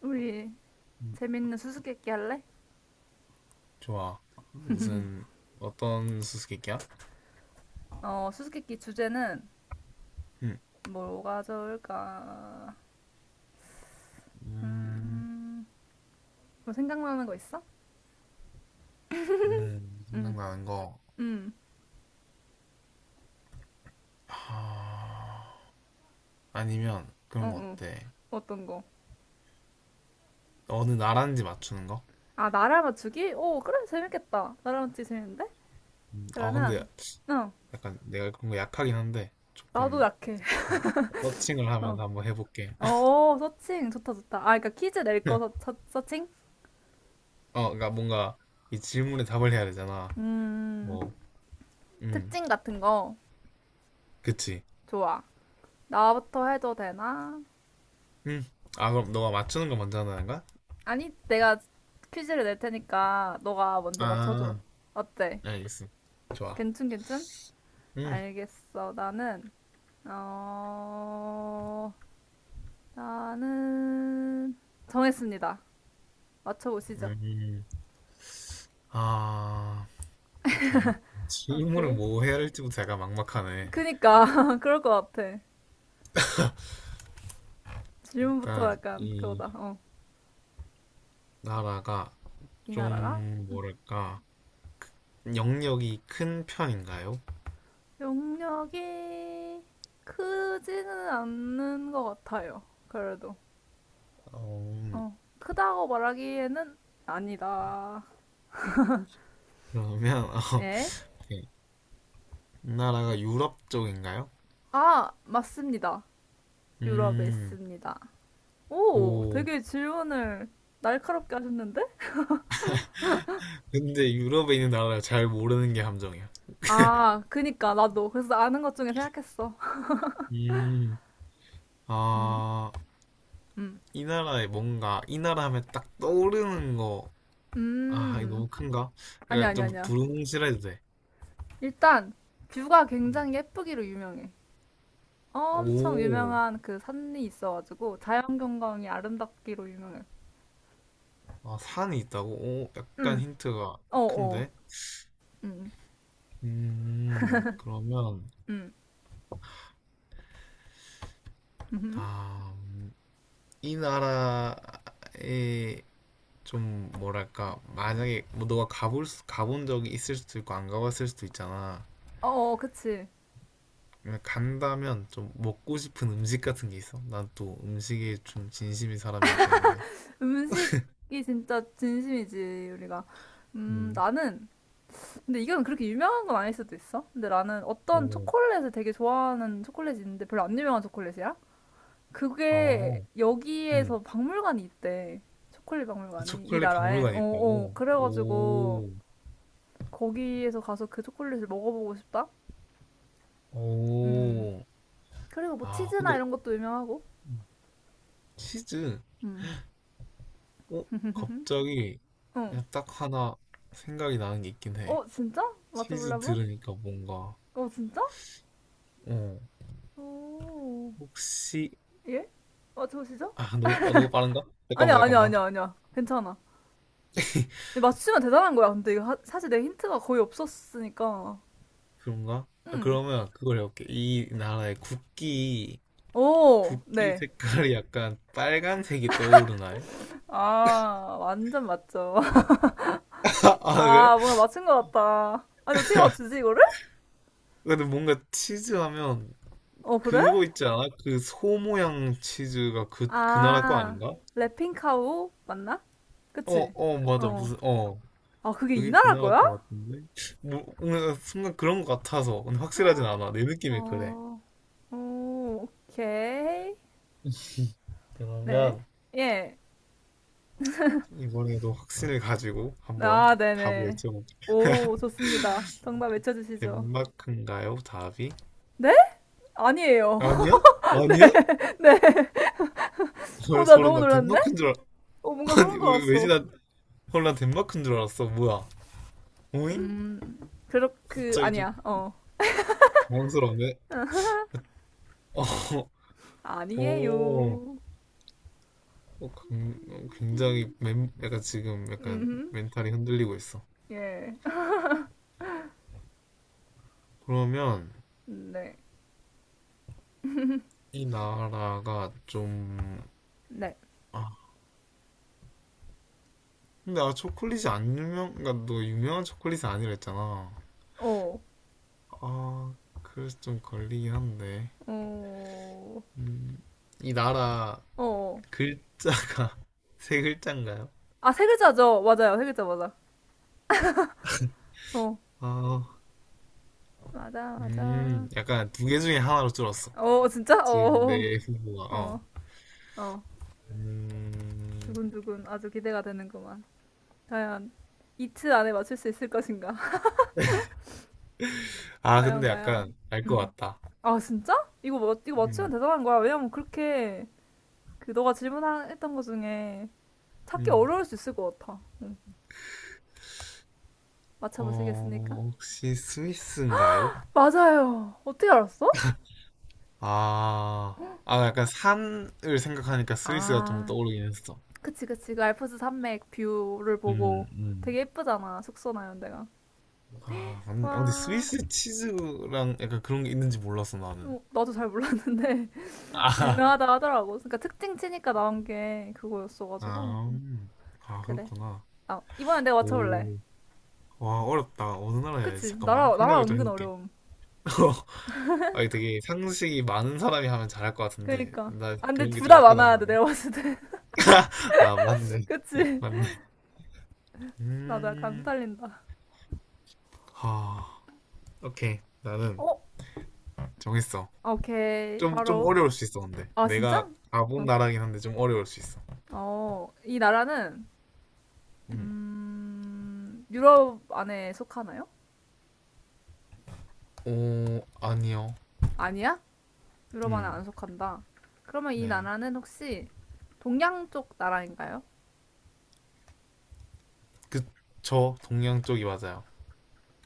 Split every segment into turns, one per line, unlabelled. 우리
음,
재밌는 수수께끼 할래?
좋아. 무슨 어떤 수수께끼야?
수수께끼 주제는
음,
뭐가 좋을까?
음,
음, 뭐 생각나는 거 있어? 응.
생각나는 거.
응.
아, 아니면
어,
그런 거
어.
어때?
어떤 거?
어느 나라인지 맞추는 거?
아, 나라 맞추기? 오, 그래, 재밌겠다. 나라 맞추기 재밌는데?
아 근데
그러면, 어,
약간 내가 그런 거 약하긴 한데
나도
조금
약해.
음, 서칭을
어,
하면서 한번 해볼게.
어, 서칭. 좋다, 좋다. 아, 그러니까 퀴즈 낼 거 서칭?
어, 그러니까 뭔가 이 질문에 답을 해야 되잖아.
음,
뭐, 음,
특징 같은 거.
그치.
좋아. 나부터 해도 되나?
음, 아 그럼 너가 맞추는 거 먼저 하는 거야?
아니, 내가 퀴즈를 낼 테니까 너가 먼저 맞춰줘.
아,
어때?
알겠어. 좋아.
괜춘, 괜춘?
음,
알겠어. 어, 나는, 정했습니다. 맞춰보시죠.
음. 아, 오케이. 질문을
오케이.
뭐 해야 할지부터 약간 막막하네.
그니까, 그럴 것 같아. 질문부터
일단
약간
이
그거다. 어.
나라가
이 나라가
좀 뭐랄까 영역이 큰 편인가요?
용력이 크지는 않는 것 같아요. 그래도.
어,
어. 크다고 말하기에는 아니다.
그러면 어,
예?
오케이. 나라가 유럽 쪽인가요?
아, 맞습니다. 유럽에
음,
있습니다. 오,
오.
되게 질문을 날카롭게 하셨는데?
근데 유럽에 있는 나라를 잘 모르는 게 함정이야.
아, 그니까, 나도. 그래서 아는 것 중에 생각했어.
음,
음.
아,
음.
이 나라에 뭔가 이 나라 하면 딱 떠오르는 거. 아, 이거
음.
너무 큰가?
아니야,
약간
아니야,
좀
아니야.
두루뭉실해도 돼.
일단, 뷰가
음.
굉장히 예쁘기로 유명해. 엄청
오,
유명한 그 산이 있어가지고, 자연경관이 아름답기로 유명해.
아, 산이 있다고? 오, 약간
음.
힌트가
어어.
큰데?
음.
그러면,
음. 음.
아, 음, 이 나라에 좀, 뭐랄까, 만약에 뭐 너가 가본 적이 있을 수도 있고, 안 가봤을 수도 있잖아.
어어, 그치.
근데 간다면 좀 먹고 싶은 음식 같은 게 있어? 난 또 음식에 좀 진심인 사람이기 때문에.
음식이 진짜 진심이지, 우리가.
음,
나는 근데 이건 그렇게 유명한 건 아닐 수도 있어. 근데 나는 어떤
오,
초콜릿을 되게 좋아하는 초콜릿이 있는데 별로 안 유명한 초콜릿이야?
어,
그게
음.
여기에서 박물관이 있대. 초콜릿 박물관이 이
초콜릿
나라에. 어,
박물관이
어.
있다고?
그래가지고
오,
거기에서 가서 그 초콜릿을 먹어보고 싶다. 음.
오.
그리고 뭐
아, 근데
치즈나 이런 것도 유명하고.
음, 치즈.
음.
어? 갑자기
어.
그냥 딱 하나 생각이 나는 게 있긴 해.
어, 진짜? 맞춰볼래
치즈
한번?
들으니까 뭔가,
어, 진짜?
어,
오.
혹시,
예? 맞춰보시죠?
너무 빠른가?
아니야,
잠깐만,
아니야,
잠깐만.
아니야, 아니야. 괜찮아. 근데 맞추면 대단한 거야. 근데 이거 사실 내 힌트가 거의 없었으니까.
그런가? 아,
응.
그러면 그걸 해볼게. 이 나라의 국기,
오,
국기
네.
색깔이 약간 빨간색이 떠오르나요?
아, 완전 맞죠.
아, 그래?
아, 뭔가 맞춘 것 같다. 아니, 어떻게 맞추지, 이거를?
근데 뭔가 치즈 하면
어, 그래?
그거 있지 않아? 그 소 모양 치즈가 그, 그 나라 거
아,
아닌가?
래핑카우 맞나?
어,
그치?
어, 맞아.
어.
무슨, 어.
아, 그게 이
그게 그
나라
나라
거야?
것 같은데? 뭔가 순간 그런 것 같아서. 근데 확실하진 않아. 내 느낌이 그래.
어, 오, 오케이. 네.
그러면
예.
이번에도 확신을 가지고 한번
아,
답을
네네.
여쭤볼게.
오, 좋습니다. 정답 외쳐주시죠.
덴마크인가요? 답이?
네? 아니에요.
아니야? 아니야?
네. 오,
헐,
나
소름
너무
나
놀랐네.
덴마크인 줄 알...
어, 뭔가
아니,
소름
왜, 왜지?
돋았어.
난, 헐, 난 덴마크인 줄 알았어. 뭐야? 오잉?
음, 그렇게,
갑자기 좀
아니야, 어.
당황스러운데? 어, 오,
아니에요.
어, 굉장히 약간 지금 약간
음,
멘탈이 흔들리고 있어.
예.
그러면
네.
이 나라가 좀,
네.
아, 근데 초콜릿이 안 유명, 그러니까 너 유명한 초콜릿이 아니라 했잖아.
어,
아, 그래서 좀 걸리긴 한데.
어,
음, 이 나라
어.
글자가 세 글자인가요?
아, 세 글자죠? 맞아요, 세 글자 맞아. 어,
아,
맞아, 맞아.
약간 두 개 중에 하나로 줄었어.
어, 진짜?
지금
어,
내 후보가, 어.
어, 어.
음,
두근두근 아주 기대가 되는구만. 과연 이틀 안에 맞출 수 있을 것인가?
아,
과연,
근데
과연.
약간 알 것
음,
같다.
아, 진짜? 이거, 이거 맞추면
음,
대단한 거야. 왜냐면 그렇게 그 너가 질문했던 것 중에 찾기
음,
어려울 수 있을 것 같아. 응. 맞춰보시겠습니까?
어, 혹시 스위스인가요?
맞아요. 어떻게 알았어?
아, 아, 약간 산을 생각하니까 스위스가 좀
아,
떠오르긴 했어.
그치 그치. 그 알프스 산맥 뷰를
음,
보고
음.
되게 예쁘잖아. 숙소나 이런 데가.
아, 맞 아, 근데
와,
스위스 치즈랑 약간 그런 게 있는지 몰랐어, 나는.
어, 나도 잘 몰랐는데
아,
유명하다 하더라고. 그러니까 특징 치니까 나온 게 그거였어가지고
아, 아,
그래.
그렇구나.
아, 이번엔 내가 맞춰볼래.
오. 와, 어렵다. 어느 나라 해야지?
그치?
잠깐만.
나라 나라
생각을 좀
은근
해볼게.
어려움.
아, 이게 되게 상식이 많은 사람이 하면 잘할 것 같은데.
그러니까.
나
아, 근데
그런 게
둘
좀
다
약하단
많아야 돼.
말이야.
내가 봤을 때.
아, 맞네.
그치?
맞네.
나도 약간
음,
후달린다.
하. 오케이. 나는
어?
정했어.
오케이,
좀, 좀
바로.
어려울 수 있어, 근데.
아, 진짜?
내가 가본
어.
나라긴 한데 좀 어려울 수 있어.
어, 이 나라는,
음.
유럽 안에 속하나요?
오, 아니요.
아니야? 유럽 안에
음.
안 속한다. 그러면 이
네.
나라는 혹시 동양 쪽 나라인가요?
그, 동양 쪽이 맞아요.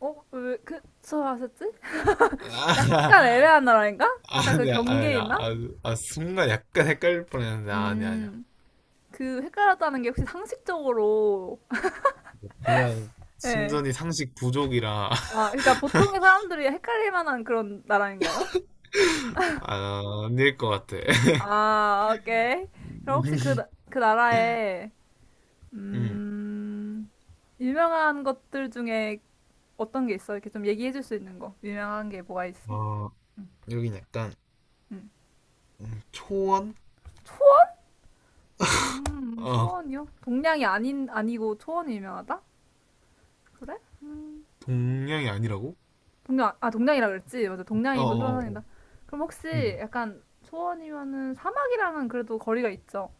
어, 왜, 그, 저 하셨지?
아,
약간 애매한 나라인가? 약간 그
아니야,
경계에
아니야.
있나?
아, 아, 순간 약간 헷갈릴 뻔했는데, 아니야, 아니야.
음, 그 헷갈렸다는 게 혹시 상식적으로,
그냥,
예.
순전히 상식 부족이라,
아, 그러니까 보통의 사람들이 헷갈릴 만한 그런 나라인가요?
아닐 것 같아.
아, 오케이. 그럼 혹시 그, 그 나라에,
음.
음, 유명한 것들 중에 어떤 게 있어? 이렇게 좀 얘기해 줄 수 있는 거. 유명한 게 뭐가 있어?
어, 여긴 약간,
음.
초원?
초원?
어,
초원이요? 동양이 아닌, 아니고 초원이 유명하다? 그래?
동양이 아니라고?
동양, 아, 동양이라 그랬지? 맞아,
어,
동양이고
어, 어, 어.
초원이다. 그럼
음.
혹시 약간 초원이면은 사막이랑은 그래도 거리가 있죠?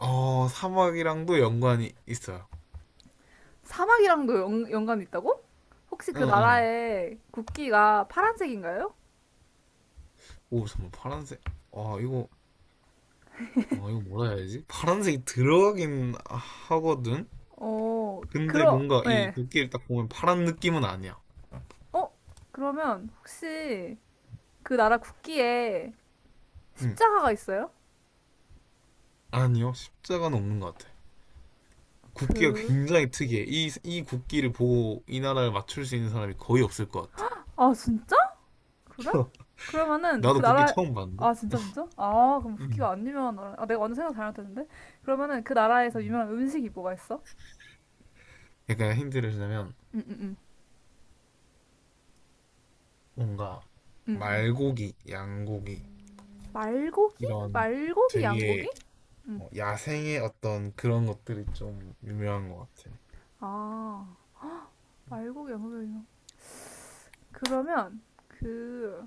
어, 사막이랑도 연관이 있어요.
사막이랑도 연, 연관이 있다고? 혹시 그
응응.
나라의 국기가 파란색인가요?
오 잠깐 파란색. 아 이거 아 이거 뭐라 해야지? 파란색이 들어가긴 하거든.
어,
근데
그러,
뭔가 이
예.
국기를 딱 보면 파란 느낌은 아니야.
어? 그러면 혹시 그 나라 국기에
응.
십자가가 있어요?
아니요. 십자가는 없는 것 같아. 국기가
그,
굉장히 특이해. 이 국기를 보고 이 나라를 맞출 수 있는 사람이 거의 없을 것 같아.
아, 진짜? 그래? 그러면은 그
나도 국기
나라,
처음 봤는데.
아, 진짜, 진짜? 아, 그럼
음.
국기가 안 유명한 나라. 아, 내가 완전 생각 잘못했는데? 그러면은 그 나라에서 유명한 음식이 뭐가 있어?
약간 힌트를 주자면
응, 응, 응,
뭔가
응, 응.
말고기, 양고기
말고기?
이런
말고기,
되게
양고기? 응.
어, 야생의 어떤 그런 것들이 좀 유명한 것 같아.
아, 말고기, 양고기. 유명. 그러면 그,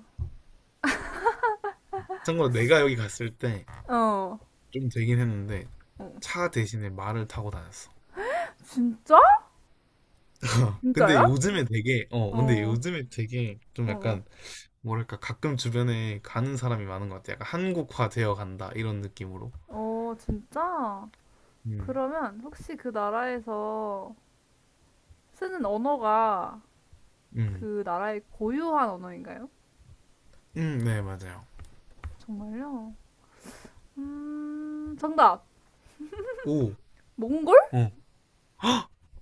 참고로 내가 여기 갔을 때
어,
좀 되긴 했는데
어.
차 대신에 말을 타고 다녔어.
진짜?
근데
진짜야?
요즘에 되게
어.
좀
어.
약간 뭐랄까 가끔 주변에 가는 사람이 많은 것 같아. 약간 한국화 되어 간다 이런 느낌으로.
어, 진짜?
음,
그러면 혹시 그 나라에서 쓰는 언어가
음,
그 나라의 고유한 언어인가요?
네 맞아요.
정말요? 정답!
오,
몽골?
어,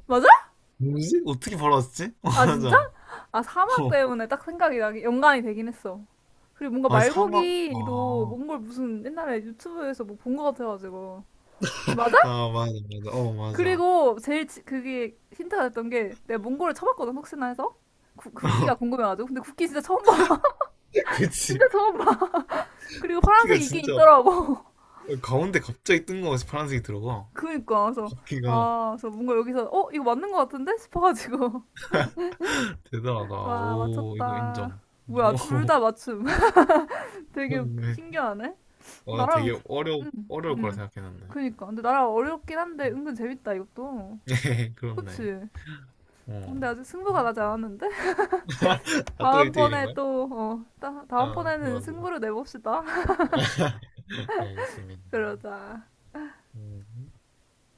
맞아?
뭐지? 어떻게 벌왔지
아, 진짜?
맞아.
아, 사막
어,
때문에 딱 생각이 나기, 연관이 되긴 했어. 그리고 뭔가
아 사막.
말고기도
아,
몽골 무슨 옛날에 유튜브에서 뭐 본 것 같아가지고. 맞아?
아 맞아 맞아. 어 맞아.
그리고 제일 그게 힌트가 됐던 게 내가 몽골을 쳐봤거든, 혹시나 해서. 국기가 궁금해가지고. 근데 국기 진짜 처음 봐.
그치.
진짜 처음 봐. 그리고
바퀴가
파란색이 있긴
진짜
있더라고.
가운데 갑자기 뜬금없이 파란색이 들어가.
그니까 그래서
바퀴가
아, 그래서 뭔가 여기서 이거 맞는 것 같은데 싶어가지고
대단하다.
와
오, 이거
맞췄다.
인정. 오,
뭐야 둘 다 맞춤. 되게
그렇네.
신기하네.
와, 나 되게
나랑 음,
어려울 거라
음.
생각했는데.
그니까 근데 나랑 어렵긴 한데 은근 재밌다 이것도.
네, 그렇네.
그치?
어.
근데 아직 승부가 나지 않았는데
아, 또 1대1인
다음번에
거야?
또
아,
다음번에는
맞아.
승부를 내봅시다.
알겠습니다.
그러자.
음.